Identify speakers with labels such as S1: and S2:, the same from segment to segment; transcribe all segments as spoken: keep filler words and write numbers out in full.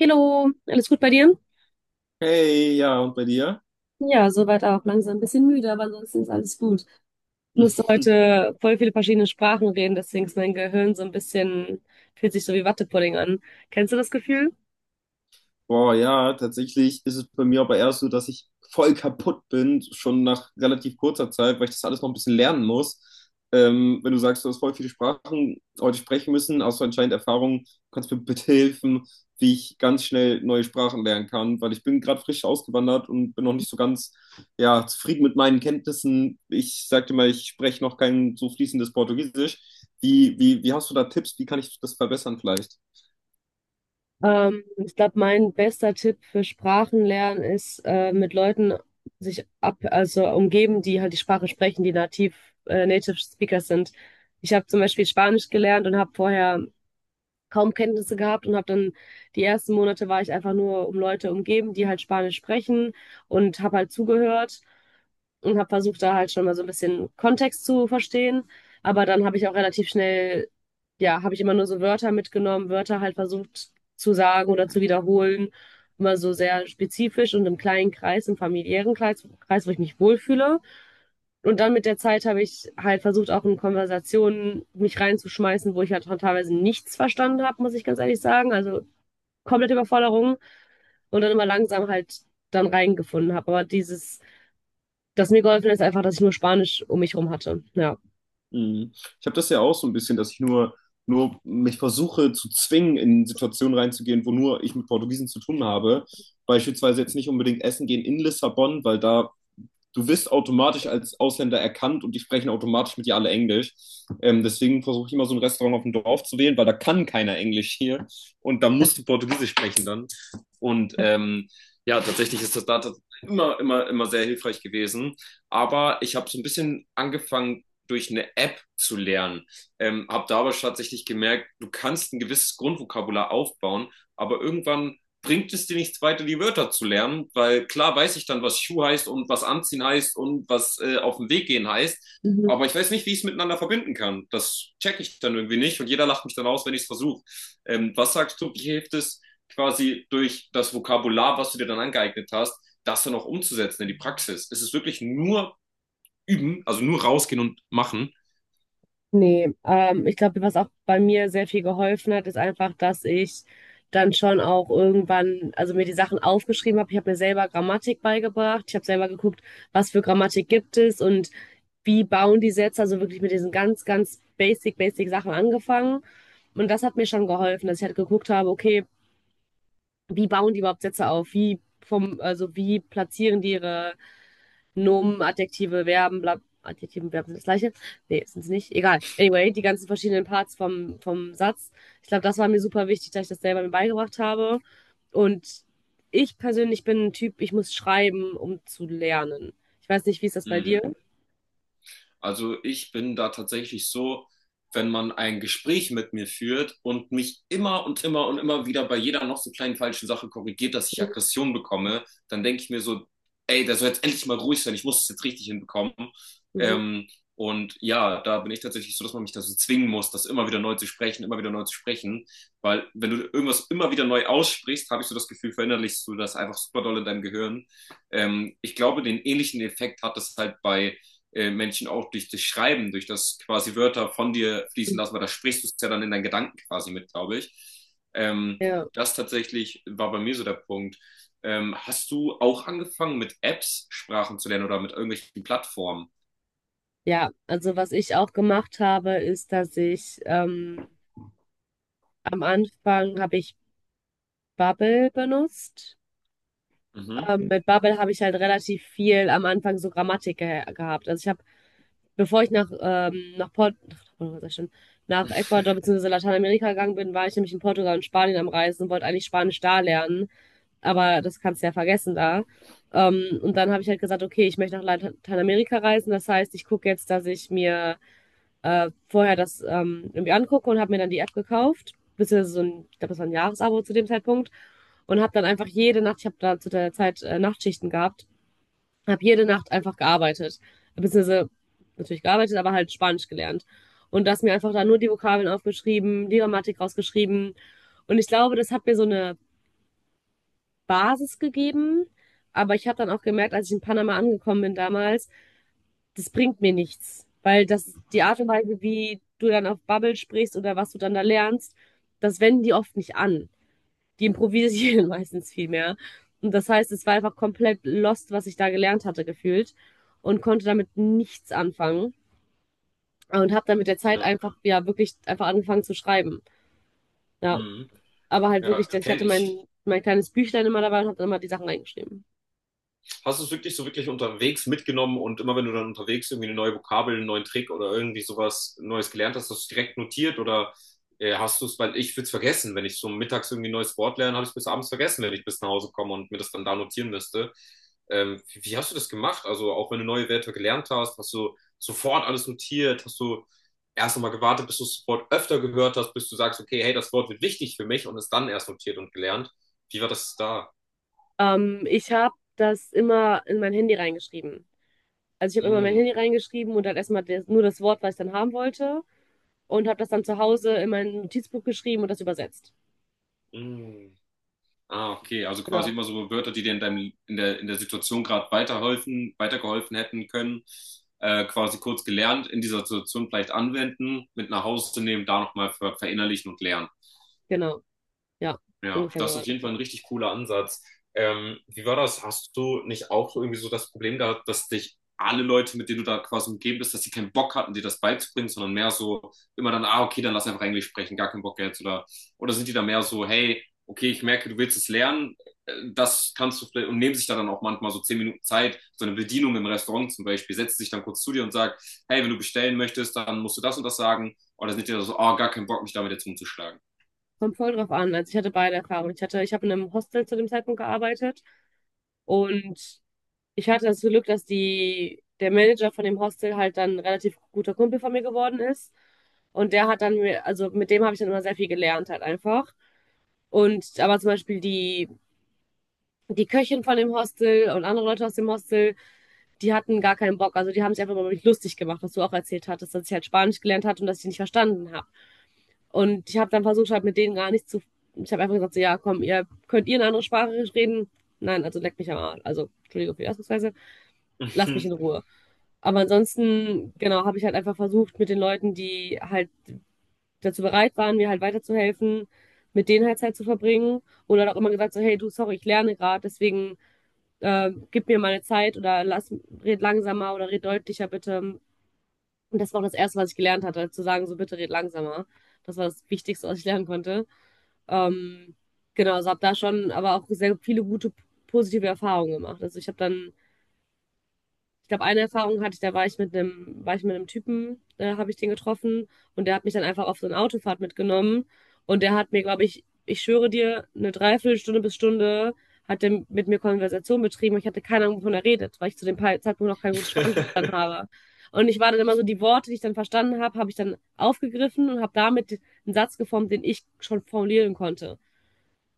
S1: Hallo, alles gut bei dir?
S2: Hey, ja, und bei dir?
S1: Ja, soweit auch. Langsam ein bisschen müde, aber ansonsten ist alles gut. Ich musste heute voll viele verschiedene Sprachen reden, deswegen ist mein Gehirn so ein bisschen, fühlt sich so wie Wattepudding an. Kennst du das Gefühl?
S2: Boah, ja, tatsächlich ist es bei mir aber erst so, dass ich voll kaputt bin, schon nach relativ kurzer Zeit, weil ich das alles noch ein bisschen lernen muss. Ähm, wenn du sagst, du hast voll viele Sprachen heute sprechen müssen, hast du anscheinend Erfahrung, kannst mir bitte helfen, wie ich ganz schnell neue Sprachen lernen kann, weil ich bin gerade frisch ausgewandert und bin noch nicht so ganz, ja, zufrieden mit meinen Kenntnissen. Ich sagte mal, ich spreche noch kein so fließendes Portugiesisch. Wie, wie, wie hast du da Tipps? Wie kann ich das verbessern vielleicht?
S1: Ähm, ich glaube, mein bester Tipp für Sprachenlernen ist, äh, mit Leuten sich ab, also umgeben, die halt die Sprache sprechen, die nativ, äh, Native Speakers sind. Ich habe zum Beispiel Spanisch gelernt und habe vorher kaum Kenntnisse gehabt und habe dann die ersten Monate war ich einfach nur um Leute umgeben, die halt Spanisch sprechen und habe halt zugehört und habe versucht, da halt schon mal so ein bisschen Kontext zu verstehen. Aber dann habe ich auch relativ schnell, ja, habe ich immer nur so Wörter mitgenommen, Wörter halt versucht zu sagen oder zu wiederholen. Immer so sehr spezifisch und im kleinen Kreis, im familiären Kreis, Kreis, wo ich mich wohlfühle. Und dann mit der Zeit habe ich halt versucht, auch in Konversationen mich reinzuschmeißen, wo ich halt teilweise nichts verstanden habe, muss ich ganz ehrlich sagen. Also komplette Überforderung und dann immer langsam halt dann reingefunden habe. Aber dieses das mir geholfen hat, ist einfach, dass ich nur Spanisch um mich rum hatte. Ja.
S2: Mhm. Ich habe das ja auch so ein bisschen, dass ich nur, nur mich versuche zu zwingen, in Situationen reinzugehen, wo nur ich mit Portugiesen zu tun habe. Beispielsweise jetzt nicht unbedingt essen gehen in Lissabon, weil da du wirst automatisch als Ausländer erkannt und die sprechen automatisch mit dir alle Englisch. Ähm, deswegen versuche ich immer so ein Restaurant auf dem Dorf zu wählen, weil da kann keiner Englisch hier und da musst du Portugiesisch sprechen dann. Und ähm, ja, tatsächlich ist das da immer, immer, immer sehr hilfreich gewesen. Aber ich habe so ein bisschen angefangen, durch eine App zu lernen. Ähm, habe da aber tatsächlich gemerkt, du kannst ein gewisses Grundvokabular aufbauen, aber irgendwann bringt es dir nichts weiter, die Wörter zu lernen, weil klar weiß ich dann, was Schuh heißt und was anziehen heißt und was äh, auf den Weg gehen heißt,
S1: Mhm.
S2: aber ich weiß nicht, wie ich es miteinander verbinden kann. Das checke ich dann irgendwie nicht und jeder lacht mich dann aus, wenn ich es versuche. Ähm, was sagst du, wie hilft es quasi durch das Vokabular, was du dir dann angeeignet hast, das dann auch umzusetzen in die Praxis? Ist es wirklich nur üben, also nur rausgehen und machen?
S1: Nee, ähm, ich glaube, was auch bei mir sehr viel geholfen hat, ist einfach, dass ich dann schon auch irgendwann, also mir die Sachen aufgeschrieben habe. Ich habe mir selber Grammatik beigebracht. Ich habe selber geguckt, was für Grammatik gibt es und wie bauen die Sätze. Also wirklich mit diesen ganz, ganz basic, basic Sachen angefangen. Und das hat mir schon geholfen, dass ich halt geguckt habe, okay, wie bauen die überhaupt Sätze auf? Wie vom, also wie platzieren die ihre Nomen, Adjektive, Verben, bla, Adjektive und Verben sind das gleiche. Nee, sind es nicht. Egal. Anyway, die ganzen verschiedenen Parts vom, vom Satz. Ich glaube, das war mir super wichtig, dass ich das selber mir beigebracht habe. Und ich persönlich bin ein Typ, ich muss schreiben, um zu lernen. Ich weiß nicht, wie ist das bei dir?
S2: Mhm. Also ich bin da tatsächlich so, wenn man ein Gespräch mit mir führt und mich immer und immer und immer wieder bei jeder noch so kleinen falschen Sache korrigiert, dass ich Aggression bekomme, dann denke ich mir so, ey, der soll jetzt endlich mal ruhig sein, ich muss es jetzt richtig hinbekommen.
S1: Mhm.
S2: Ähm, und ja, da bin ich tatsächlich so, dass man mich dazu zwingen muss, das immer wieder neu zu sprechen, immer wieder neu zu sprechen. Weil wenn du irgendwas immer wieder neu aussprichst, habe ich so das Gefühl, verinnerlichst du das einfach super doll in deinem Gehirn. Ähm, ich glaube, den ähnlichen Effekt hat es halt bei äh, Menschen auch durch das Schreiben, durch das quasi Wörter von dir fließen lassen, weil da sprichst du es ja dann in deinen Gedanken quasi mit, glaube ich. Ähm,
S1: Ja.
S2: das tatsächlich war bei mir so der Punkt. Ähm, hast du auch angefangen mit Apps Sprachen zu lernen oder mit irgendwelchen Plattformen?
S1: Ja, also was ich auch gemacht habe, ist, dass ich ähm, am Anfang habe ich Babbel benutzt.
S2: Mhm.
S1: Ähm, mit Babbel habe ich halt relativ viel am Anfang so Grammatik ge gehabt. Also ich habe Bevor ich nach, ähm, nach, Port nach, Portugal sag ich schon, nach Ecuador bzw. Lateinamerika gegangen bin, war ich nämlich in Portugal und Spanien am Reisen und wollte eigentlich Spanisch da lernen. Aber das kannst du ja vergessen da. Ähm, und dann habe ich halt gesagt, okay, ich möchte nach Lateinamerika reisen. Das heißt, ich gucke jetzt, dass ich mir äh, vorher das ähm, irgendwie angucke und habe mir dann die App gekauft. Beziehungsweise so ein, ich glaube, das war ein Jahresabo zu dem Zeitpunkt. Und habe dann einfach jede Nacht, ich habe da zu der Zeit äh, Nachtschichten gehabt, habe jede Nacht einfach gearbeitet. Beziehungsweise natürlich gearbeitet, aber halt Spanisch gelernt. Und das mir einfach da nur die Vokabeln aufgeschrieben, die Grammatik rausgeschrieben. Und ich glaube, das hat mir so eine Basis gegeben. Aber ich habe dann auch gemerkt, als ich in Panama angekommen bin damals, das bringt mir nichts. Weil das die Art und Weise, wie du dann auf Bubble sprichst oder was du dann da lernst, das wenden die oft nicht an die improvisieren meistens viel mehr. Und das heißt, es war einfach komplett lost, was ich da gelernt hatte, gefühlt. Und konnte damit nichts anfangen. Und habe dann mit der Zeit
S2: Ja.
S1: einfach, ja, wirklich einfach angefangen zu schreiben. Ja,
S2: Mhm.
S1: aber halt
S2: Ja,
S1: wirklich, ich
S2: kenne
S1: hatte
S2: ich
S1: mein, mein kleines Büchlein immer dabei und habe dann immer die Sachen reingeschrieben.
S2: hast du es wirklich so wirklich unterwegs mitgenommen und immer wenn du dann unterwegs irgendwie eine neue Vokabel, einen neuen Trick oder irgendwie sowas Neues gelernt hast, hast du es direkt notiert oder äh, hast du es, weil ich würde es vergessen, wenn ich so mittags irgendwie ein neues Wort lerne, habe ich es bis abends vergessen, wenn ich bis nach Hause komme und mir das dann da notieren müsste. Ähm, wie, wie hast du das gemacht? Also auch wenn du neue Wörter gelernt hast, hast du sofort alles notiert, hast du erst einmal gewartet, bis du das Wort öfter gehört hast, bis du sagst, okay, hey, das Wort wird wichtig für mich und es dann erst notiert und gelernt. Wie war das da?
S1: Ähm, ich habe das immer in mein Handy reingeschrieben. Also ich habe immer mein
S2: Mm,
S1: Handy reingeschrieben und dann erstmal das, nur das Wort, was ich dann haben wollte. Und habe das dann zu Hause in mein Notizbuch geschrieben und das übersetzt.
S2: mm. Ah, okay. Also quasi
S1: Genau.
S2: immer so Wörter, die dir in deinem, in der, in der Situation gerade weiterhelfen, weitergeholfen hätten können, äh, quasi kurz gelernt, in dieser Situation vielleicht anwenden, mit nach Hause nehmen, da nochmal ver verinnerlichen und lernen.
S1: Genau, ja,
S2: Ja,
S1: ungefähr
S2: das
S1: so.
S2: ist auf jeden Fall ein richtig cooler Ansatz. Ähm, wie war das? Hast du nicht auch so irgendwie so das Problem gehabt, dass dich alle Leute, mit denen du da quasi umgeben bist, dass sie keinen Bock hatten, dir das beizubringen, sondern mehr so immer dann, ah, okay, dann lass einfach Englisch sprechen, gar keinen Bock jetzt oder oder sind die da mehr so, hey, okay, ich merke, du willst es lernen, äh, das kannst du vielleicht und nehmen sich da dann auch manchmal so zehn Minuten Zeit, so eine Bedienung im Restaurant zum Beispiel, setzt sich dann kurz zu dir und sagt, hey, wenn du bestellen möchtest, dann musst du das und das sagen oder sind die da so, ah, gar keinen Bock, mich damit jetzt rumzuschlagen.
S1: Kommt voll drauf an. Also ich hatte beide Erfahrungen. Ich hatte, ich habe in einem Hostel zu dem Zeitpunkt gearbeitet und ich hatte das Glück, dass die, der Manager von dem Hostel halt dann ein relativ guter Kumpel von mir geworden ist. Und der hat dann, mir- also mit dem habe ich dann immer sehr viel gelernt halt einfach. Und aber zum Beispiel die, die Köchin von dem Hostel und andere Leute aus dem Hostel, die hatten gar keinen Bock. Also die haben sich einfach mal über mich lustig gemacht, was du auch erzählt hattest, dass ich halt Spanisch gelernt hatte und dass ich nicht verstanden habe. Und ich habe dann versucht, halt mit denen gar nicht zu. Ich habe einfach gesagt, so, ja, komm, ihr könnt ihr eine andere Sprache reden. Nein, also leck mich am Arsch. Also, Entschuldigung für die Ausdrucksweise. Lass mich in Ruhe. Aber ansonsten, genau, habe ich halt einfach versucht, mit den Leuten, die halt dazu bereit waren, mir halt weiterzuhelfen, mit denen halt Zeit zu verbringen. Oder auch immer gesagt, so, hey, du, sorry, ich lerne gerade, deswegen äh, gib mir meine Zeit oder lass, red langsamer oder red deutlicher bitte. Und das war auch das Erste, was ich gelernt hatte, zu sagen, so bitte red langsamer. Das war das Wichtigste, was ich lernen konnte. Ähm, genau, also habe da schon aber auch sehr viele gute positive Erfahrungen gemacht. Also ich habe dann, ich glaube, eine Erfahrung hatte ich, da war ich mit einem, war ich mit einem Typen, da habe ich den getroffen und der hat mich dann einfach auf so eine Autofahrt mitgenommen und der hat mir, glaube ich, ich schwöre dir, eine Dreiviertelstunde bis Stunde hat der mit mir Konversation betrieben und ich hatte keine Ahnung, wovon er redet, weil ich zu dem Pa- Zeitpunkt noch kein gutes Spanisch verstanden habe. Und ich war dann immer so, die Worte, die ich dann verstanden habe, habe ich dann aufgegriffen und habe damit einen Satz geformt, den ich schon formulieren konnte.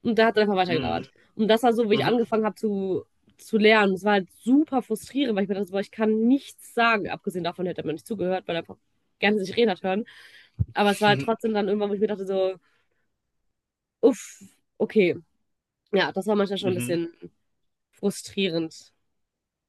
S1: Und da hat es einfach
S2: Mhm.
S1: weitergelabert. Und das war so, wie ich
S2: Mhm.
S1: angefangen habe zu, zu lernen. Es war halt super frustrierend, weil ich mir dachte, boah, ich kann nichts sagen. Abgesehen davon hätte man nicht zugehört, weil er einfach gerne sich reden hat hören. Aber es war halt trotzdem dann irgendwann, wo ich mir dachte, so, uff, okay. Ja, das war manchmal schon ein
S2: Mhm.
S1: bisschen frustrierend.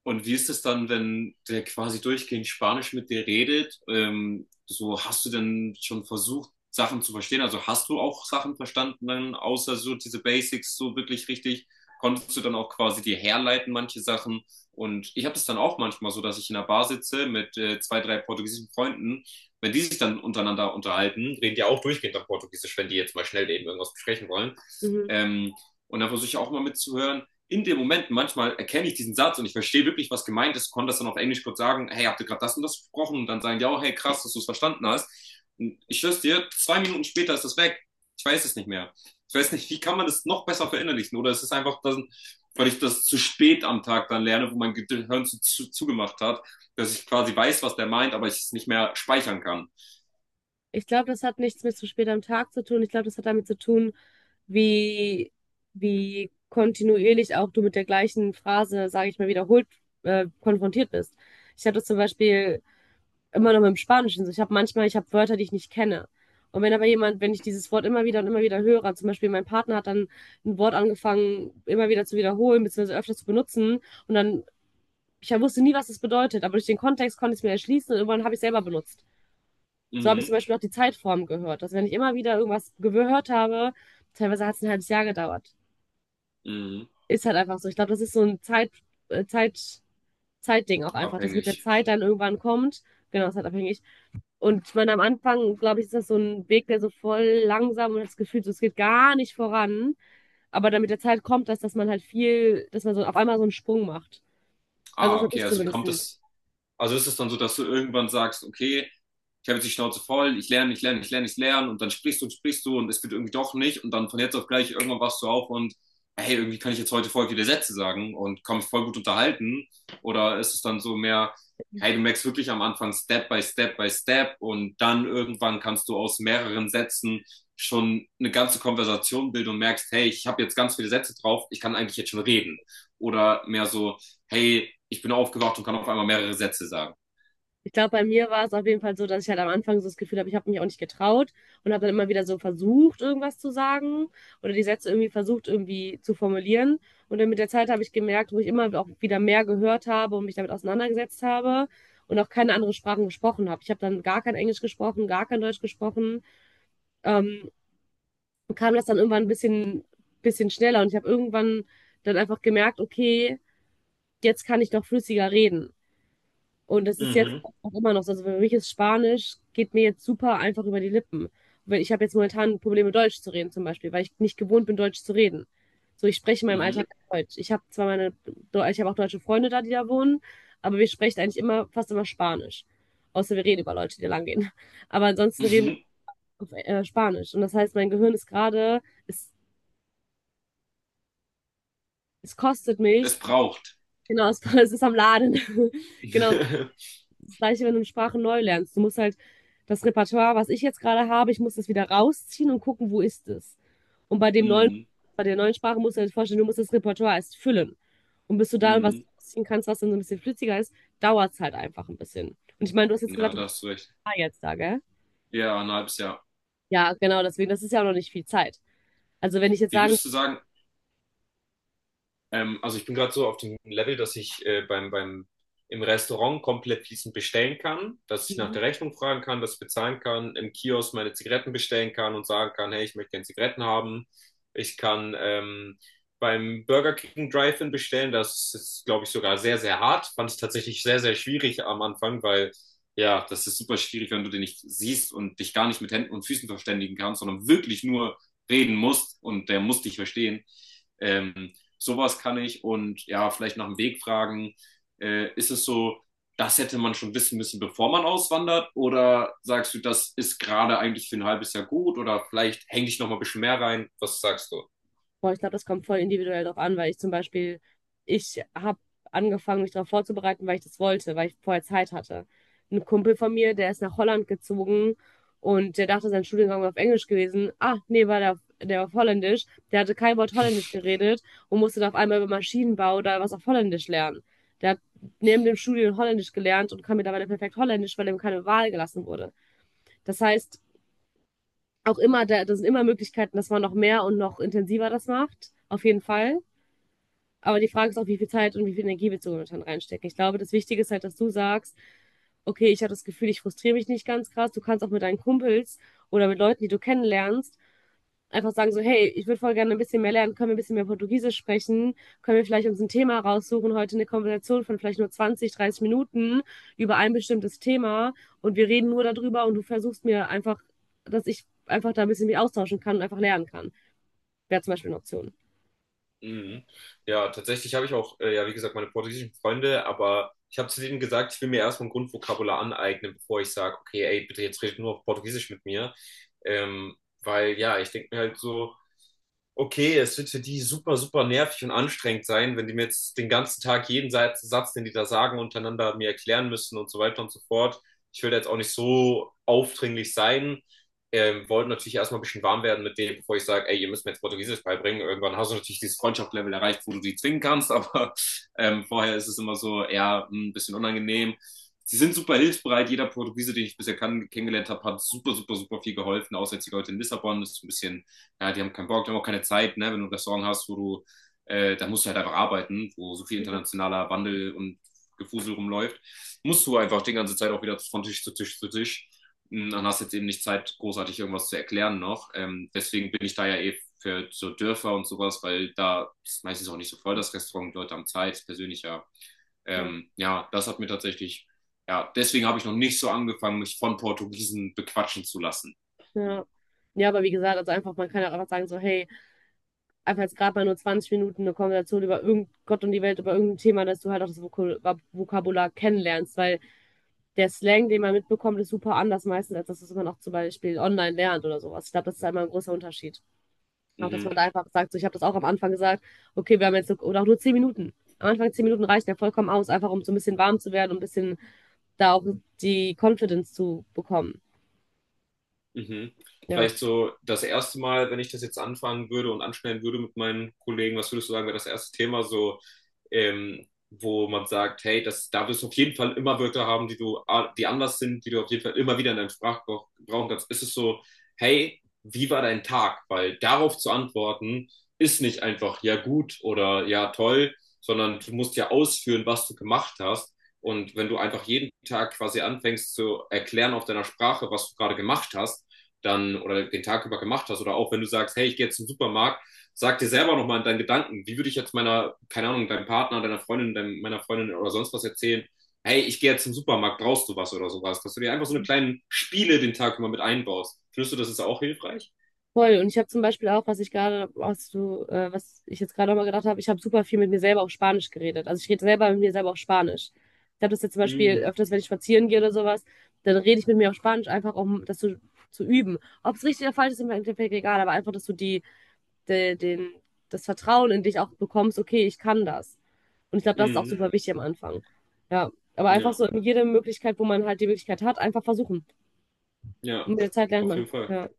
S2: Und wie ist es dann, wenn der quasi durchgehend Spanisch mit dir redet? Ähm, so hast du denn schon versucht, Sachen zu verstehen? Also hast du auch Sachen verstanden, dann außer so diese Basics so wirklich richtig? Konntest du dann auch quasi dir herleiten, manche Sachen? Und ich habe das dann auch manchmal so, dass ich in einer Bar sitze mit äh, zwei, drei portugiesischen Freunden. Wenn die sich dann untereinander unterhalten, reden die auch durchgehend auf Portugiesisch, wenn die jetzt mal schnell eben irgendwas besprechen wollen.
S1: Mhm.
S2: Ähm, und da versuche ich auch mal mitzuhören. In dem Moment, manchmal erkenne ich diesen Satz und ich verstehe wirklich, was gemeint ist, konnte das dann auf Englisch kurz sagen, hey, habt ihr gerade das und das gesprochen? Und dann sagen die auch, hey, krass, dass du es verstanden hast. Und ich schwör's dir, zwei Minuten später ist das weg. Ich weiß es nicht mehr. Ich weiß nicht, wie kann man das noch besser verinnerlichen? Oder es ist einfach, dass, weil ich das zu spät am Tag dann lerne, wo mein Gehirn zu, zu, zugemacht hat, dass ich quasi weiß, was der meint, aber ich es nicht mehr speichern kann.
S1: Ich glaube, das hat nichts mit zu spät am Tag zu tun. Ich glaube, das hat damit zu tun, wie, wie kontinuierlich auch du mit der gleichen Phrase, sage ich mal, wiederholt äh, konfrontiert bist. Ich hatte zum Beispiel immer noch mit dem Spanischen. So, ich habe manchmal, ich habe Wörter, die ich nicht kenne. Und wenn aber jemand, wenn ich dieses Wort immer wieder und immer wieder höre, zum Beispiel mein Partner hat dann ein Wort angefangen, immer wieder zu wiederholen, beziehungsweise öfter zu benutzen, und dann, ich wusste nie, was das bedeutet, aber durch den Kontext konnte ich es mir erschließen und irgendwann habe ich es selber benutzt. So habe ich
S2: Mhm,
S1: zum Beispiel auch die Zeitform gehört. Dass wenn ich immer wieder irgendwas gehört habe, teilweise hat es ein halbes Jahr gedauert.
S2: mhm,
S1: Ist halt einfach so. Ich glaube, das ist so ein Zeit, äh, Zeit, Zeitding auch einfach, dass mit der
S2: abhängig.
S1: Zeit dann irgendwann kommt. Genau, das ist halt abhängig. Und ich meine, am Anfang, glaube ich, ist das so ein Weg, der so voll langsam und hat das Gefühl, so, es geht gar nicht voran. Aber dann mit der Zeit kommt das, dass man halt viel, dass man so auf einmal so einen Sprung macht. Also
S2: Ah,
S1: das
S2: okay,
S1: ist
S2: also kommt
S1: zumindestens.
S2: das. Also ist es dann so, dass du irgendwann sagst, okay, ich habe jetzt die Schnauze voll, ich lerne, ich lerne, ich lerne, ich lerne und dann sprichst du und sprichst du und es wird irgendwie doch nicht und dann von jetzt auf gleich irgendwann wachst du auf und hey, irgendwie kann ich jetzt heute voll viele Sätze sagen und kann mich voll gut unterhalten oder ist es dann so mehr, hey, du merkst wirklich am Anfang Step by Step by Step und dann irgendwann kannst du aus mehreren Sätzen schon eine ganze Konversation bilden und merkst, hey, ich habe jetzt ganz viele Sätze drauf, ich kann eigentlich jetzt schon reden oder mehr so hey, ich bin aufgewacht und kann auf einmal mehrere Sätze sagen.
S1: Ich glaube, bei mir war es auf jeden Fall so, dass ich halt am Anfang so das Gefühl habe, ich habe mich auch nicht getraut und habe dann immer wieder so versucht, irgendwas zu sagen oder die Sätze irgendwie versucht, irgendwie zu formulieren. Und dann mit der Zeit habe ich gemerkt, wo ich immer auch wieder mehr gehört habe und mich damit auseinandergesetzt habe und auch keine anderen Sprachen gesprochen habe. Ich habe dann gar kein Englisch gesprochen, gar kein Deutsch gesprochen ähm, kam das dann irgendwann ein bisschen, bisschen schneller und ich habe irgendwann dann einfach gemerkt, okay, jetzt kann ich doch flüssiger reden. Und das ist jetzt
S2: Mhm.
S1: auch immer noch so. Also für mich ist Spanisch, geht mir jetzt super einfach über die Lippen. Weil ich habe jetzt momentan Probleme, Deutsch zu reden zum Beispiel, weil ich nicht gewohnt bin, Deutsch zu reden. So, ich spreche in meinem
S2: Mhm.
S1: Alltag Deutsch. Ich habe zwar meine, ich habe auch deutsche Freunde da, die da wohnen, aber wir sprechen eigentlich immer, fast immer Spanisch. Außer wir reden über Leute, die da lang gehen. Aber ansonsten reden wir auf äh, Spanisch. Und das heißt, mein Gehirn ist gerade, ist Es kostet mich.
S2: Es braucht.
S1: Genau, es es ist am Laden. Genau, das Gleiche, wenn du eine Sprache neu lernst. Du musst halt das Repertoire, was ich jetzt gerade habe ich muss das wieder rausziehen und gucken, wo ist es? Und bei dem neuen
S2: Mhm.
S1: bei der neuen Sprache musst du dir halt vorstellen, du musst das Repertoire erst füllen. Und bis du da irgendwas
S2: Mhm.
S1: rausziehen kannst, was dann so ein bisschen flüssiger ist, dauert's halt einfach ein bisschen. Und ich meine, du hast jetzt
S2: Ja,
S1: gesagt, du
S2: da
S1: bist
S2: hast du recht.
S1: da jetzt da, gell?
S2: Ja, ein halbes Jahr.
S1: Ja, genau, deswegen, das ist ja auch noch nicht viel Zeit. Also, wenn ich jetzt
S2: Wie
S1: sagen
S2: würdest du sagen, Ähm, also ich bin gerade so auf dem Level, dass ich äh, beim, beim, im Restaurant komplett fließend bestellen kann, dass ich nach der Rechnung fragen kann, dass ich bezahlen kann, im Kiosk meine Zigaretten bestellen kann und sagen kann, hey, ich möchte gerne Zigaretten haben. Ich kann ähm, beim Burger King Drive-In bestellen. Das ist, glaube ich, sogar sehr, sehr hart. Fand ich tatsächlich sehr, sehr schwierig am Anfang, weil ja, das ist super schwierig, wenn du den nicht siehst und dich gar nicht mit Händen und Füßen verständigen kannst, sondern wirklich nur reden musst und der muss dich verstehen. Ähm, sowas kann ich und ja, vielleicht nach dem Weg fragen. Äh, ist es so, das hätte man schon wissen müssen, bevor man auswandert? Oder sagst du, das ist gerade eigentlich für ein halbes Jahr gut? Oder vielleicht hänge ich noch mal ein bisschen mehr rein? Was sagst du?
S1: Boah, ich glaube, das kommt voll individuell drauf an, weil ich zum Beispiel, ich habe angefangen, mich darauf vorzubereiten, weil ich das wollte, weil ich vorher Zeit hatte. Ein Kumpel von mir, der ist nach Holland gezogen und der dachte, sein Studiengang wäre auf Englisch gewesen. Ah, nee, war der, der war auf Holländisch. Der hatte kein Wort Holländisch geredet und musste dann auf einmal über Maschinenbau oder was auf Holländisch lernen. Der hat neben dem Studium Holländisch gelernt und kann mittlerweile perfekt Holländisch, weil ihm keine Wahl gelassen wurde. Das heißt, auch immer, da, da sind immer Möglichkeiten, dass man noch mehr und noch intensiver das macht. Auf jeden Fall. Aber die Frage ist auch, wie viel Zeit und wie viel Energie willst du momentan reinstecken? Ich glaube, das Wichtige ist halt, dass du sagst, okay, ich habe das Gefühl, ich frustriere mich nicht ganz krass. Du kannst auch mit deinen Kumpels oder mit Leuten, die du kennenlernst, einfach sagen so, hey, ich würde voll gerne ein bisschen mehr lernen, können wir ein bisschen mehr Portugiesisch sprechen, können wir vielleicht uns ein Thema raussuchen, heute eine Konversation von vielleicht nur zwanzig, dreißig Minuten über ein bestimmtes Thema und wir reden nur darüber und du versuchst mir einfach, dass ich einfach da ein bisschen mich austauschen kann und einfach lernen kann. Wäre zum Beispiel eine Option.
S2: Mhm. Ja, tatsächlich habe ich auch, äh, ja, wie gesagt, meine portugiesischen Freunde, aber ich habe zu denen gesagt, ich will mir erstmal ein Grundvokabular aneignen, bevor ich sage, okay, ey, bitte jetzt redet nur auf Portugiesisch mit mir. Ähm, weil ja, ich denke mir halt so, okay, es wird für die super, super nervig und anstrengend sein, wenn die mir jetzt den ganzen Tag jeden Satz, Satz, den die da sagen, untereinander mir erklären müssen und so weiter und so fort. Ich will da jetzt auch nicht so aufdringlich sein. Ähm, wollte natürlich erstmal ein bisschen warm werden mit dem, bevor ich sage, ey, ihr müsst mir jetzt Portugiesisch beibringen. Irgendwann hast du natürlich dieses Freundschaftslevel erreicht, wo du die zwingen kannst, aber ähm, vorher ist es immer so eher hm, ein bisschen unangenehm. Sie sind super hilfsbereit. Jeder Portugiese, den ich bisher kann, kennengelernt habe, hat super, super, super viel geholfen. Außer jetzt die Leute in Lissabon, das ist ein bisschen ja, die haben keinen Bock, die haben auch keine Zeit, ne? Wenn du ein Restaurant hast, wo du, äh, da musst du halt einfach arbeiten, wo so viel
S1: Ja,
S2: internationaler Wandel und Gefusel rumläuft, musst du einfach die ganze Zeit auch wieder von Tisch zu Tisch zu Tisch. Hm, dann hast du jetzt eben nicht Zeit, großartig irgendwas zu erklären noch. Ähm, deswegen bin ich da ja eh für so Dörfer und sowas, weil da ist meistens auch nicht so voll das Restaurant, Leute haben Zeit, ist persönlicher.
S1: ja.
S2: Ähm, ja, das hat mir tatsächlich, ja, deswegen habe ich noch nicht so angefangen, mich von Portugiesen bequatschen zu lassen.
S1: Ja. Ja, aber wie gesagt, also einfach, man kann ja auch einfach sagen, so, hey, einfach jetzt gerade mal nur zwanzig Minuten eine Konversation über irgend Gott und die Welt, über irgendein Thema, dass du halt auch das Vokul- Vab- Vokabular kennenlernst, weil der Slang, den man mitbekommt, ist super anders meistens, als das, was man auch zum Beispiel online lernt oder sowas. Ich glaube, das ist einmal ein großer Unterschied. Auch, dass
S2: Mhm,
S1: man da einfach sagt, so, ich habe das auch am Anfang gesagt, okay, wir haben jetzt, so- oder auch nur zehn Minuten. Am Anfang zehn Minuten reichen ja vollkommen aus, einfach um so ein bisschen warm zu werden und ein bisschen da auch die Confidence zu bekommen.
S2: mhm.
S1: Ja.
S2: Vielleicht so das erste Mal, wenn ich das jetzt anfangen würde und anschneiden würde mit meinen Kollegen, was würdest du sagen, wäre das erste Thema so ähm, wo man sagt, hey, das, da wirst du auf jeden Fall immer Wörter haben, die du, die anders sind, die du auf jeden Fall immer wieder in deinem Sprachgebrauch brauchen kannst, ist es so, hey, wie war dein Tag? Weil darauf zu antworten, ist nicht einfach ja gut oder ja toll, sondern du musst ja ausführen, was du gemacht hast. Und wenn du einfach jeden Tag quasi anfängst zu erklären auf deiner Sprache, was du gerade gemacht hast, dann oder den Tag über gemacht hast, oder auch wenn du sagst, hey, ich gehe jetzt zum Supermarkt, sag dir selber nochmal in deinen Gedanken, wie würde ich jetzt meiner, keine Ahnung, deinem Partner, deiner Freundin, deinem, meiner Freundin oder sonst was erzählen, hey, ich gehe jetzt zum Supermarkt, brauchst du was oder sowas, dass du dir einfach so eine kleinen Spiele den Tag immer mit einbaust. Findest du, das ist auch hilfreich?
S1: Voll. Und ich habe zum Beispiel auch, was ich gerade, was du, äh, was ich jetzt gerade nochmal gedacht habe, ich habe super viel mit mir selber auf Spanisch geredet. Also ich rede selber mit mir selber auf Spanisch. Ich habe das jetzt zum Beispiel
S2: Mm,
S1: öfters, wenn ich spazieren gehe oder sowas, dann rede ich mit mir auf Spanisch einfach, um das zu, zu üben. Ob es richtig oder falsch ist, ist im Endeffekt egal, aber einfach, dass du die, de, den, das Vertrauen in dich auch bekommst, okay, ich kann das. Und ich glaube, das ist auch
S2: mm,
S1: super wichtig am Anfang. Ja. Aber einfach
S2: ja,
S1: so in jede Möglichkeit, wo man halt die Möglichkeit hat, einfach versuchen.
S2: ja,
S1: Und mit der Zeit lernt
S2: auf jeden
S1: man.
S2: Fall.
S1: Ja.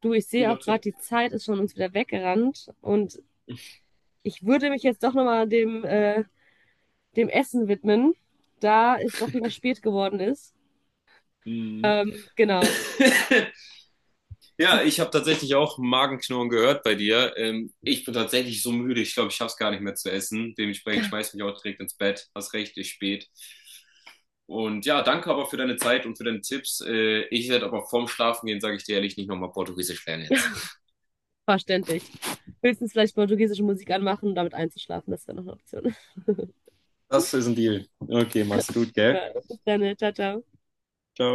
S1: Du, ich sehe
S2: Guter
S1: auch gerade,
S2: Tipp.
S1: die Zeit ist von uns wieder weggerannt und ich würde mich jetzt doch nochmal dem, äh, dem Essen widmen, da es doch wieder spät geworden ist.
S2: Mhm.
S1: Ähm, genau,
S2: Ja,
S1: ich
S2: ich habe tatsächlich auch Magenknurren gehört bei dir. Ähm, ich bin tatsächlich so müde, ich glaube, ich schaff's gar nicht mehr zu essen. Dementsprechend ich schmeiß mich auch direkt ins Bett. Hast recht, ist spät. Und ja, danke aber für deine Zeit und für deine Tipps. Äh, ich werde aber vorm Schlafen gehen, sage ich dir ehrlich, nicht nochmal Portugiesisch lernen jetzt.
S1: verständlich. Höchstens vielleicht portugiesische Musik anmachen, um damit einzuschlafen, das wäre noch eine Option.
S2: Das ist ein Deal. Okay, mach's gut, gell?
S1: Super. Bis dann, ne? Ciao, ciao.
S2: Ciao.